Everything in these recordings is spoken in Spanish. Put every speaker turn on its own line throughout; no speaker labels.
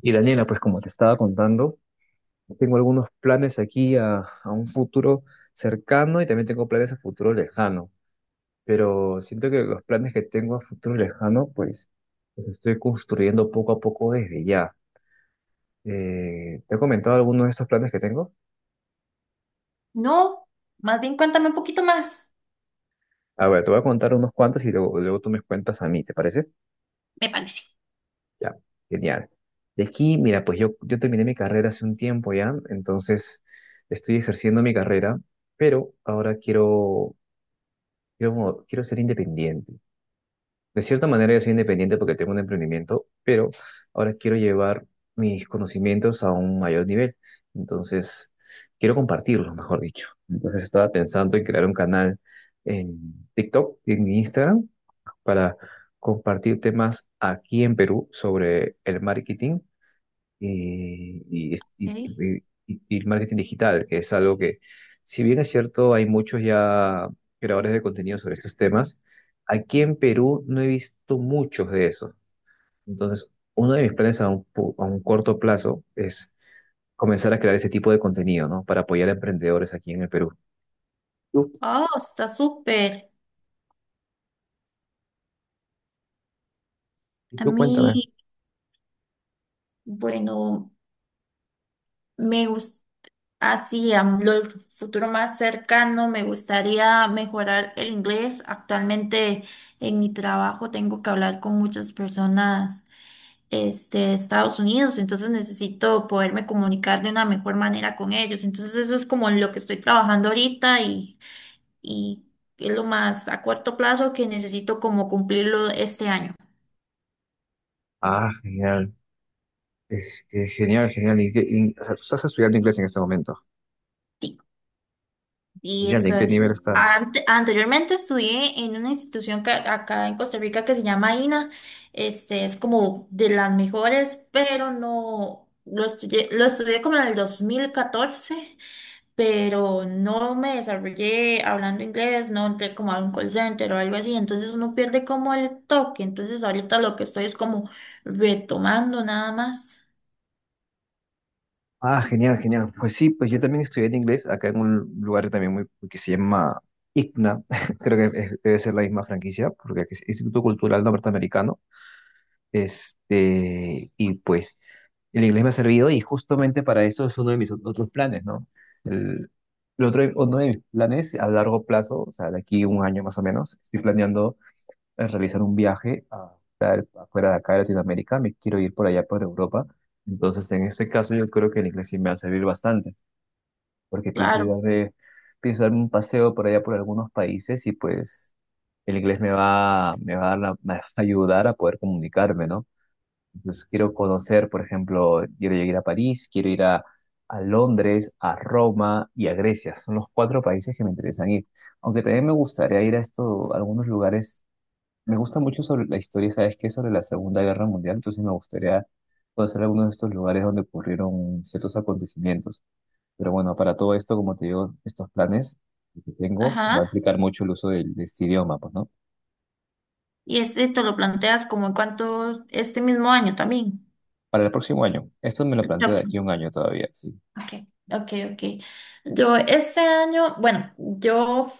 Y Daniela, pues como te estaba contando, tengo algunos planes aquí a un futuro cercano, y también tengo planes a futuro lejano, pero siento que los planes que tengo a futuro lejano, pues los estoy construyendo poco a poco desde ya. ¿ ¿Te he comentado algunos de estos planes que tengo?
No, más bien cuéntame un poquito más.
A ver, te voy a contar unos cuantos y luego tú me cuentas a mí, ¿te parece?
Me parece.
Ya, genial. De aquí, mira, pues yo terminé mi carrera hace un tiempo ya, entonces estoy ejerciendo mi carrera, pero ahora quiero. Yo como, quiero ser independiente. De cierta manera yo soy independiente porque tengo un emprendimiento, pero ahora quiero llevar mis conocimientos a un mayor nivel. Entonces, quiero compartirlos, mejor dicho. Entonces estaba pensando en crear un canal en TikTok, en Instagram, para compartir temas aquí en Perú sobre el marketing y, y, es- y-
Ok.
y- y- y el marketing digital, que es algo que, si bien es cierto, hay muchos ya creadores de contenido sobre estos temas, aquí en Perú no he visto muchos de esos. Entonces, uno de mis planes a a un corto plazo es comenzar a crear ese tipo de contenido, ¿no? Para apoyar a emprendedores aquí en el Perú. Tú,
Oh, está súper.
y
A
tú cuéntame.
mí, bueno, me gusta, así, a lo futuro más cercano, me gustaría mejorar el inglés. Actualmente en mi trabajo tengo que hablar con muchas personas, este, de Estados Unidos, entonces necesito poderme comunicar de una mejor manera con ellos. Entonces eso es como lo que estoy trabajando ahorita y es lo más a corto plazo que necesito como cumplirlo este año.
Ah, genial. Genial, genial. ¿Y o sea, tú estás estudiando inglés en este momento?
Sí, y
Genial.
eso.
¿En qué nivel estás?
Anteriormente estudié en una institución acá en Costa Rica que se llama INA. Este es como de las mejores, pero no lo estudié, lo estudié como en el 2014, pero no me desarrollé hablando inglés, no entré como a un call center o algo así, entonces uno pierde como el toque. Entonces ahorita lo que estoy es como retomando nada más.
Ah, genial, genial. Pues sí, pues yo también estudié en inglés acá en un lugar también muy que se llama ICNA, creo que debe ser la misma franquicia, porque es Instituto Cultural Norteamericano. Y pues el inglés me ha servido, y justamente para eso es uno de mis otros planes, ¿no? El, el otro, uno de mis planes a largo plazo, o sea, de aquí un año más o menos, estoy planeando, realizar un viaje fuera de acá de Latinoamérica. Me quiero ir por allá por Europa. Entonces, en este caso, yo creo que el inglés sí me va a servir bastante, porque
Claro.
pienso darme un paseo por allá por algunos países, y pues el inglés me va a, me va a ayudar a poder comunicarme, ¿no? Entonces quiero conocer, por ejemplo, quiero ir a París, quiero ir a Londres, a Roma y a Grecia. Son los cuatro países que me interesan ir. Aunque también me gustaría ir a algunos lugares. Me gusta mucho sobre la historia, ¿sabes qué? Sobre la Segunda Guerra Mundial, entonces me gustaría conocer algunos de estos lugares donde ocurrieron ciertos acontecimientos. Pero bueno, para todo esto, como te digo, estos planes que tengo va a
Ajá.
implicar mucho el uso de este idioma, pues, ¿no?
¿Y este te lo planteas como en cuántos, este mismo año también,
Para el próximo año. Esto me lo
el
planteo de
próximo?
aquí a un año todavía, sí.
Ok, ok, ok. Yo este año, bueno, yo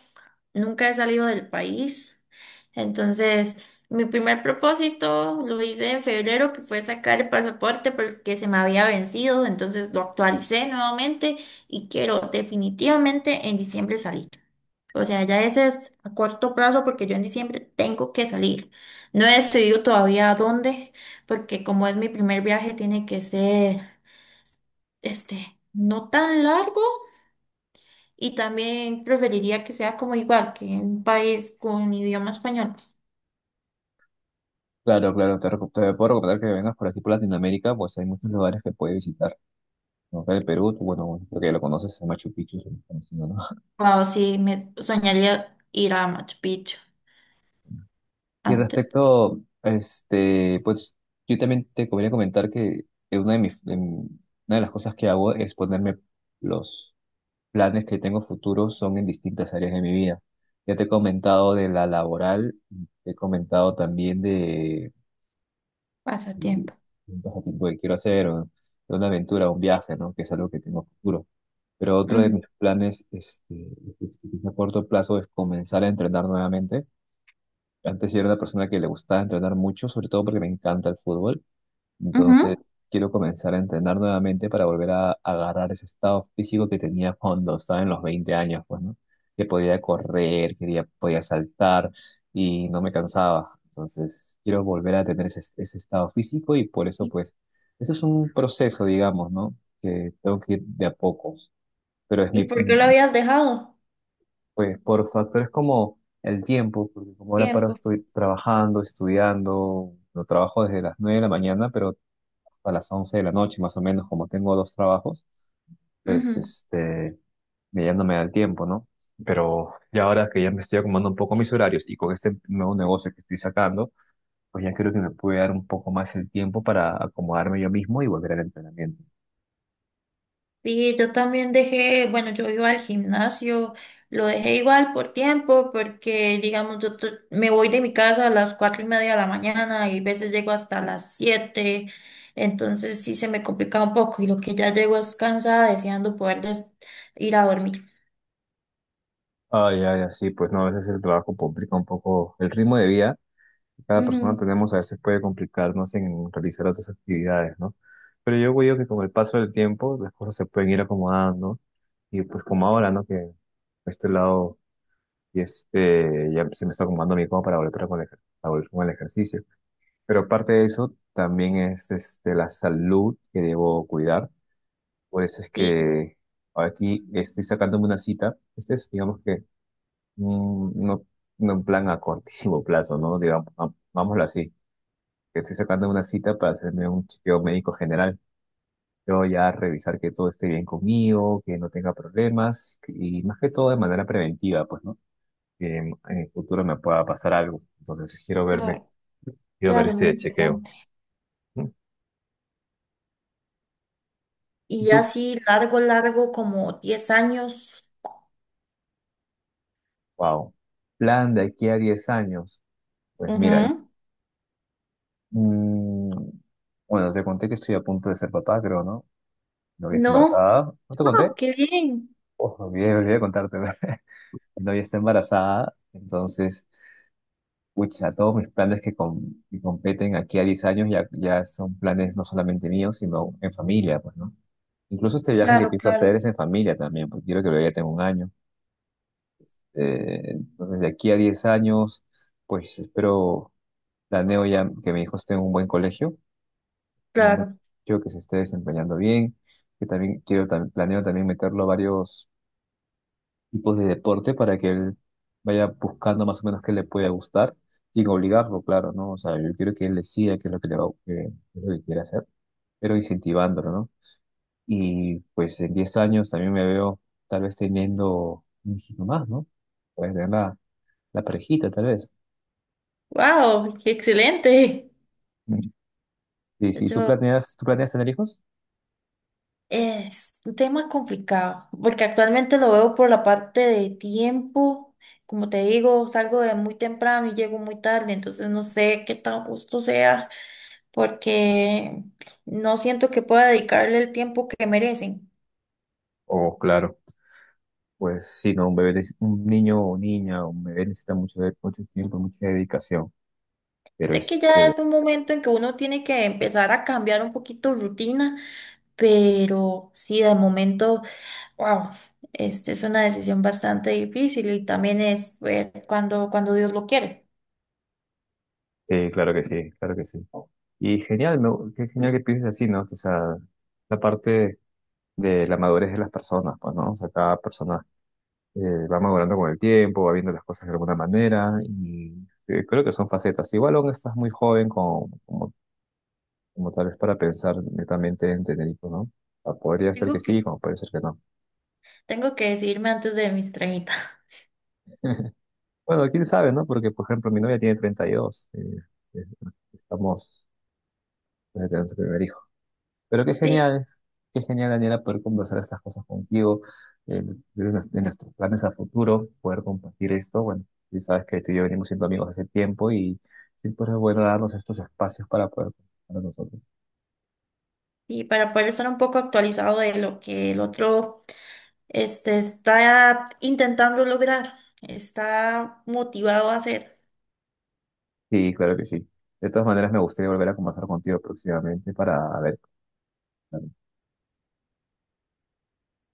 nunca he salido del país, entonces mi primer propósito lo hice en febrero, que fue sacar el pasaporte porque se me había vencido, entonces lo actualicé nuevamente y quiero definitivamente en diciembre salir. O sea, ya ese es a corto plazo porque yo en diciembre tengo que salir. No he decidido todavía a dónde, porque como es mi primer viaje, tiene que ser, este, no tan largo, y también preferiría que sea como igual que un país con idioma español.
Claro, claro, te puedo recomendar que vengas por aquí por Latinoamérica, pues hay muchos lugares que puedes visitar, ¿no? Acá el Perú, tú, bueno, creo que ya lo conoces, es Machu Picchu, es muy conocido, ¿no?
Wow, sí, me soñaría ir a Machu Picchu
Y
antes.
respecto, pues yo también te convenía comentar que una de una de las cosas que hago es ponerme los planes que tengo futuros son en distintas áreas de mi vida. Ya te he comentado de la laboral, te he comentado también de
Pasatiempo.
un pasatiempo que quiero hacer, o de una aventura, un viaje, ¿no? Que es algo que tengo futuro. Pero otro
Ujú.
de mis planes es a corto plazo es comenzar a entrenar nuevamente. Antes yo era una persona que le gustaba entrenar mucho, sobre todo porque me encanta el fútbol. Entonces,
Ujú.
quiero comenzar a entrenar nuevamente para agarrar ese estado físico que tenía cuando estaba en los 20 años, pues, ¿no? Que podía correr, quería, podía saltar y no me cansaba. Entonces, quiero volver a tener ese estado físico, y por eso,
¿Y,
pues, eso es un proceso, digamos, ¿no? Que tengo que ir de a poco. Pero es
y
mi,
por qué lo habías dejado?
pues, por factores como el tiempo, porque como ahora paro
Tiempo.
estoy trabajando, estudiando, lo trabajo desde las 9 de la mañana, pero a las 11 de la noche, más o menos, como tengo dos trabajos, pues ya no me da el tiempo, ¿no? Pero ya ahora que ya me estoy acomodando un poco mis horarios, y con este nuevo negocio que estoy sacando, pues ya creo que me puede dar un poco más el tiempo para acomodarme yo mismo y volver al entrenamiento.
Sí, yo también dejé, bueno, yo iba al gimnasio, lo dejé igual por tiempo, porque digamos, me voy de mi casa a las 4:30 de la mañana y a veces llego hasta las 7, entonces sí se me complica un poco y lo que ya llego es cansada deseando poder ir a dormir.
Ay, ay, así, pues no, a veces el trabajo complica un poco el ritmo de vida. Cada persona
Ujú.
tenemos a veces puede complicarnos en realizar otras actividades, ¿no? Pero yo creo que con el paso del tiempo las cosas se pueden ir acomodando, y pues como ahora, ¿no? Que a este lado y este ya se me está acomodando mi cama para volver con para volver con el ejercicio. Pero aparte de eso, también es este, la salud que debo cuidar. Por eso es
Sí,
que aquí estoy sacándome una cita. Este es, digamos que, mm, no, no en plan a cortísimo plazo, ¿no? Digamos, vámoslo así, que estoy sacando una cita para hacerme un chequeo médico general. Yo ya revisar que todo esté bien conmigo, que no tenga problemas y más que todo de manera preventiva, pues, ¿no? Que en el futuro me pueda pasar algo. Entonces quiero verme,
claro,
quiero ver
claro, muy
este chequeo.
importante.
¿Mm? ¿Y
Y
tú?
así largo, largo, como 10 años.
Wow. Plan de aquí a 10 años. Pues mira,
Ujú.
mm, bueno, te conté que estoy a punto de ser papá, creo, ¿no? Mi novia está
No,
embarazada. ¿No te
no,
conté?
qué bien.
Oh, me olvidé de contarte. Mi novia está embarazada, entonces pucha, todos mis planes que competen aquí a 10 años ya, ya son planes no solamente míos, sino en familia, pues, ¿no? Incluso este viaje que
Claro,
pienso
claro,
hacer es en familia también, porque quiero que lo ya tengo un año. Entonces, de aquí a 10 años, pues espero, planeo ya que mi hijo esté en un buen colegio, en un buen
claro.
colegio, que se esté desempeñando bien, que también planeo también meterlo a varios tipos de deporte, para que él vaya buscando más o menos qué le puede gustar, sin obligarlo, claro, ¿no? O sea, yo quiero que él decida qué es lo que le va, qué es lo que quiere hacer, pero incentivándolo, ¿no? Y pues en 10 años también me veo tal vez teniendo un hijito más, ¿no? Puedes tener la parejita, tal vez.
Wow, qué excelente.
Mm. Y si tú
Yo,
planeas, ¿tú planeas tener hijos?
es un tema complicado, porque actualmente lo veo por la parte de tiempo. Como te digo, salgo de muy temprano y llego muy tarde, entonces no sé qué tan justo sea, porque no siento que pueda dedicarle el tiempo que merecen.
Oh, claro. Pues sí, no, un bebé, un niño o niña, un bebé necesita mucho, mucho tiempo, mucha dedicación. Pero
Sé que ya
este,
es un momento en que uno tiene que empezar a cambiar un poquito rutina, pero sí, de momento. Wow, este es una decisión bastante difícil y también es ver cuando, cuando Dios lo quiere.
sí, claro que sí, claro que sí. Y genial, me qué genial que pienses así, ¿no? O sea, la parte de la madurez de las personas, pues, ¿no? O sea, cada persona eh, va madurando con el tiempo, va viendo las cosas de alguna manera y creo que son facetas. Igual aún estás muy joven como, como, como tal vez para pensar netamente en tener hijos, ¿no? O sea, podría ser que
Tengo que,
sí, como puede ser que no.
Tengo que decidirme antes de mis 30.
Bueno, quién sabe, ¿no? Porque, por ejemplo, mi novia tiene 32, eh, estamos... Tenemos el primer hijo. Pero
Sí,
qué genial, Daniela, poder conversar estas cosas contigo, eh, de nuestros planes a futuro, poder compartir esto. Bueno, tú sabes que tú y yo venimos siendo amigos hace tiempo, y siempre es bueno darnos estos espacios para poder conversar nosotros.
y para poder estar un poco actualizado de lo que el otro este, está intentando lograr, está motivado a hacer.
Sí, claro que sí. De todas maneras, me gustaría volver a conversar contigo próximamente para ver.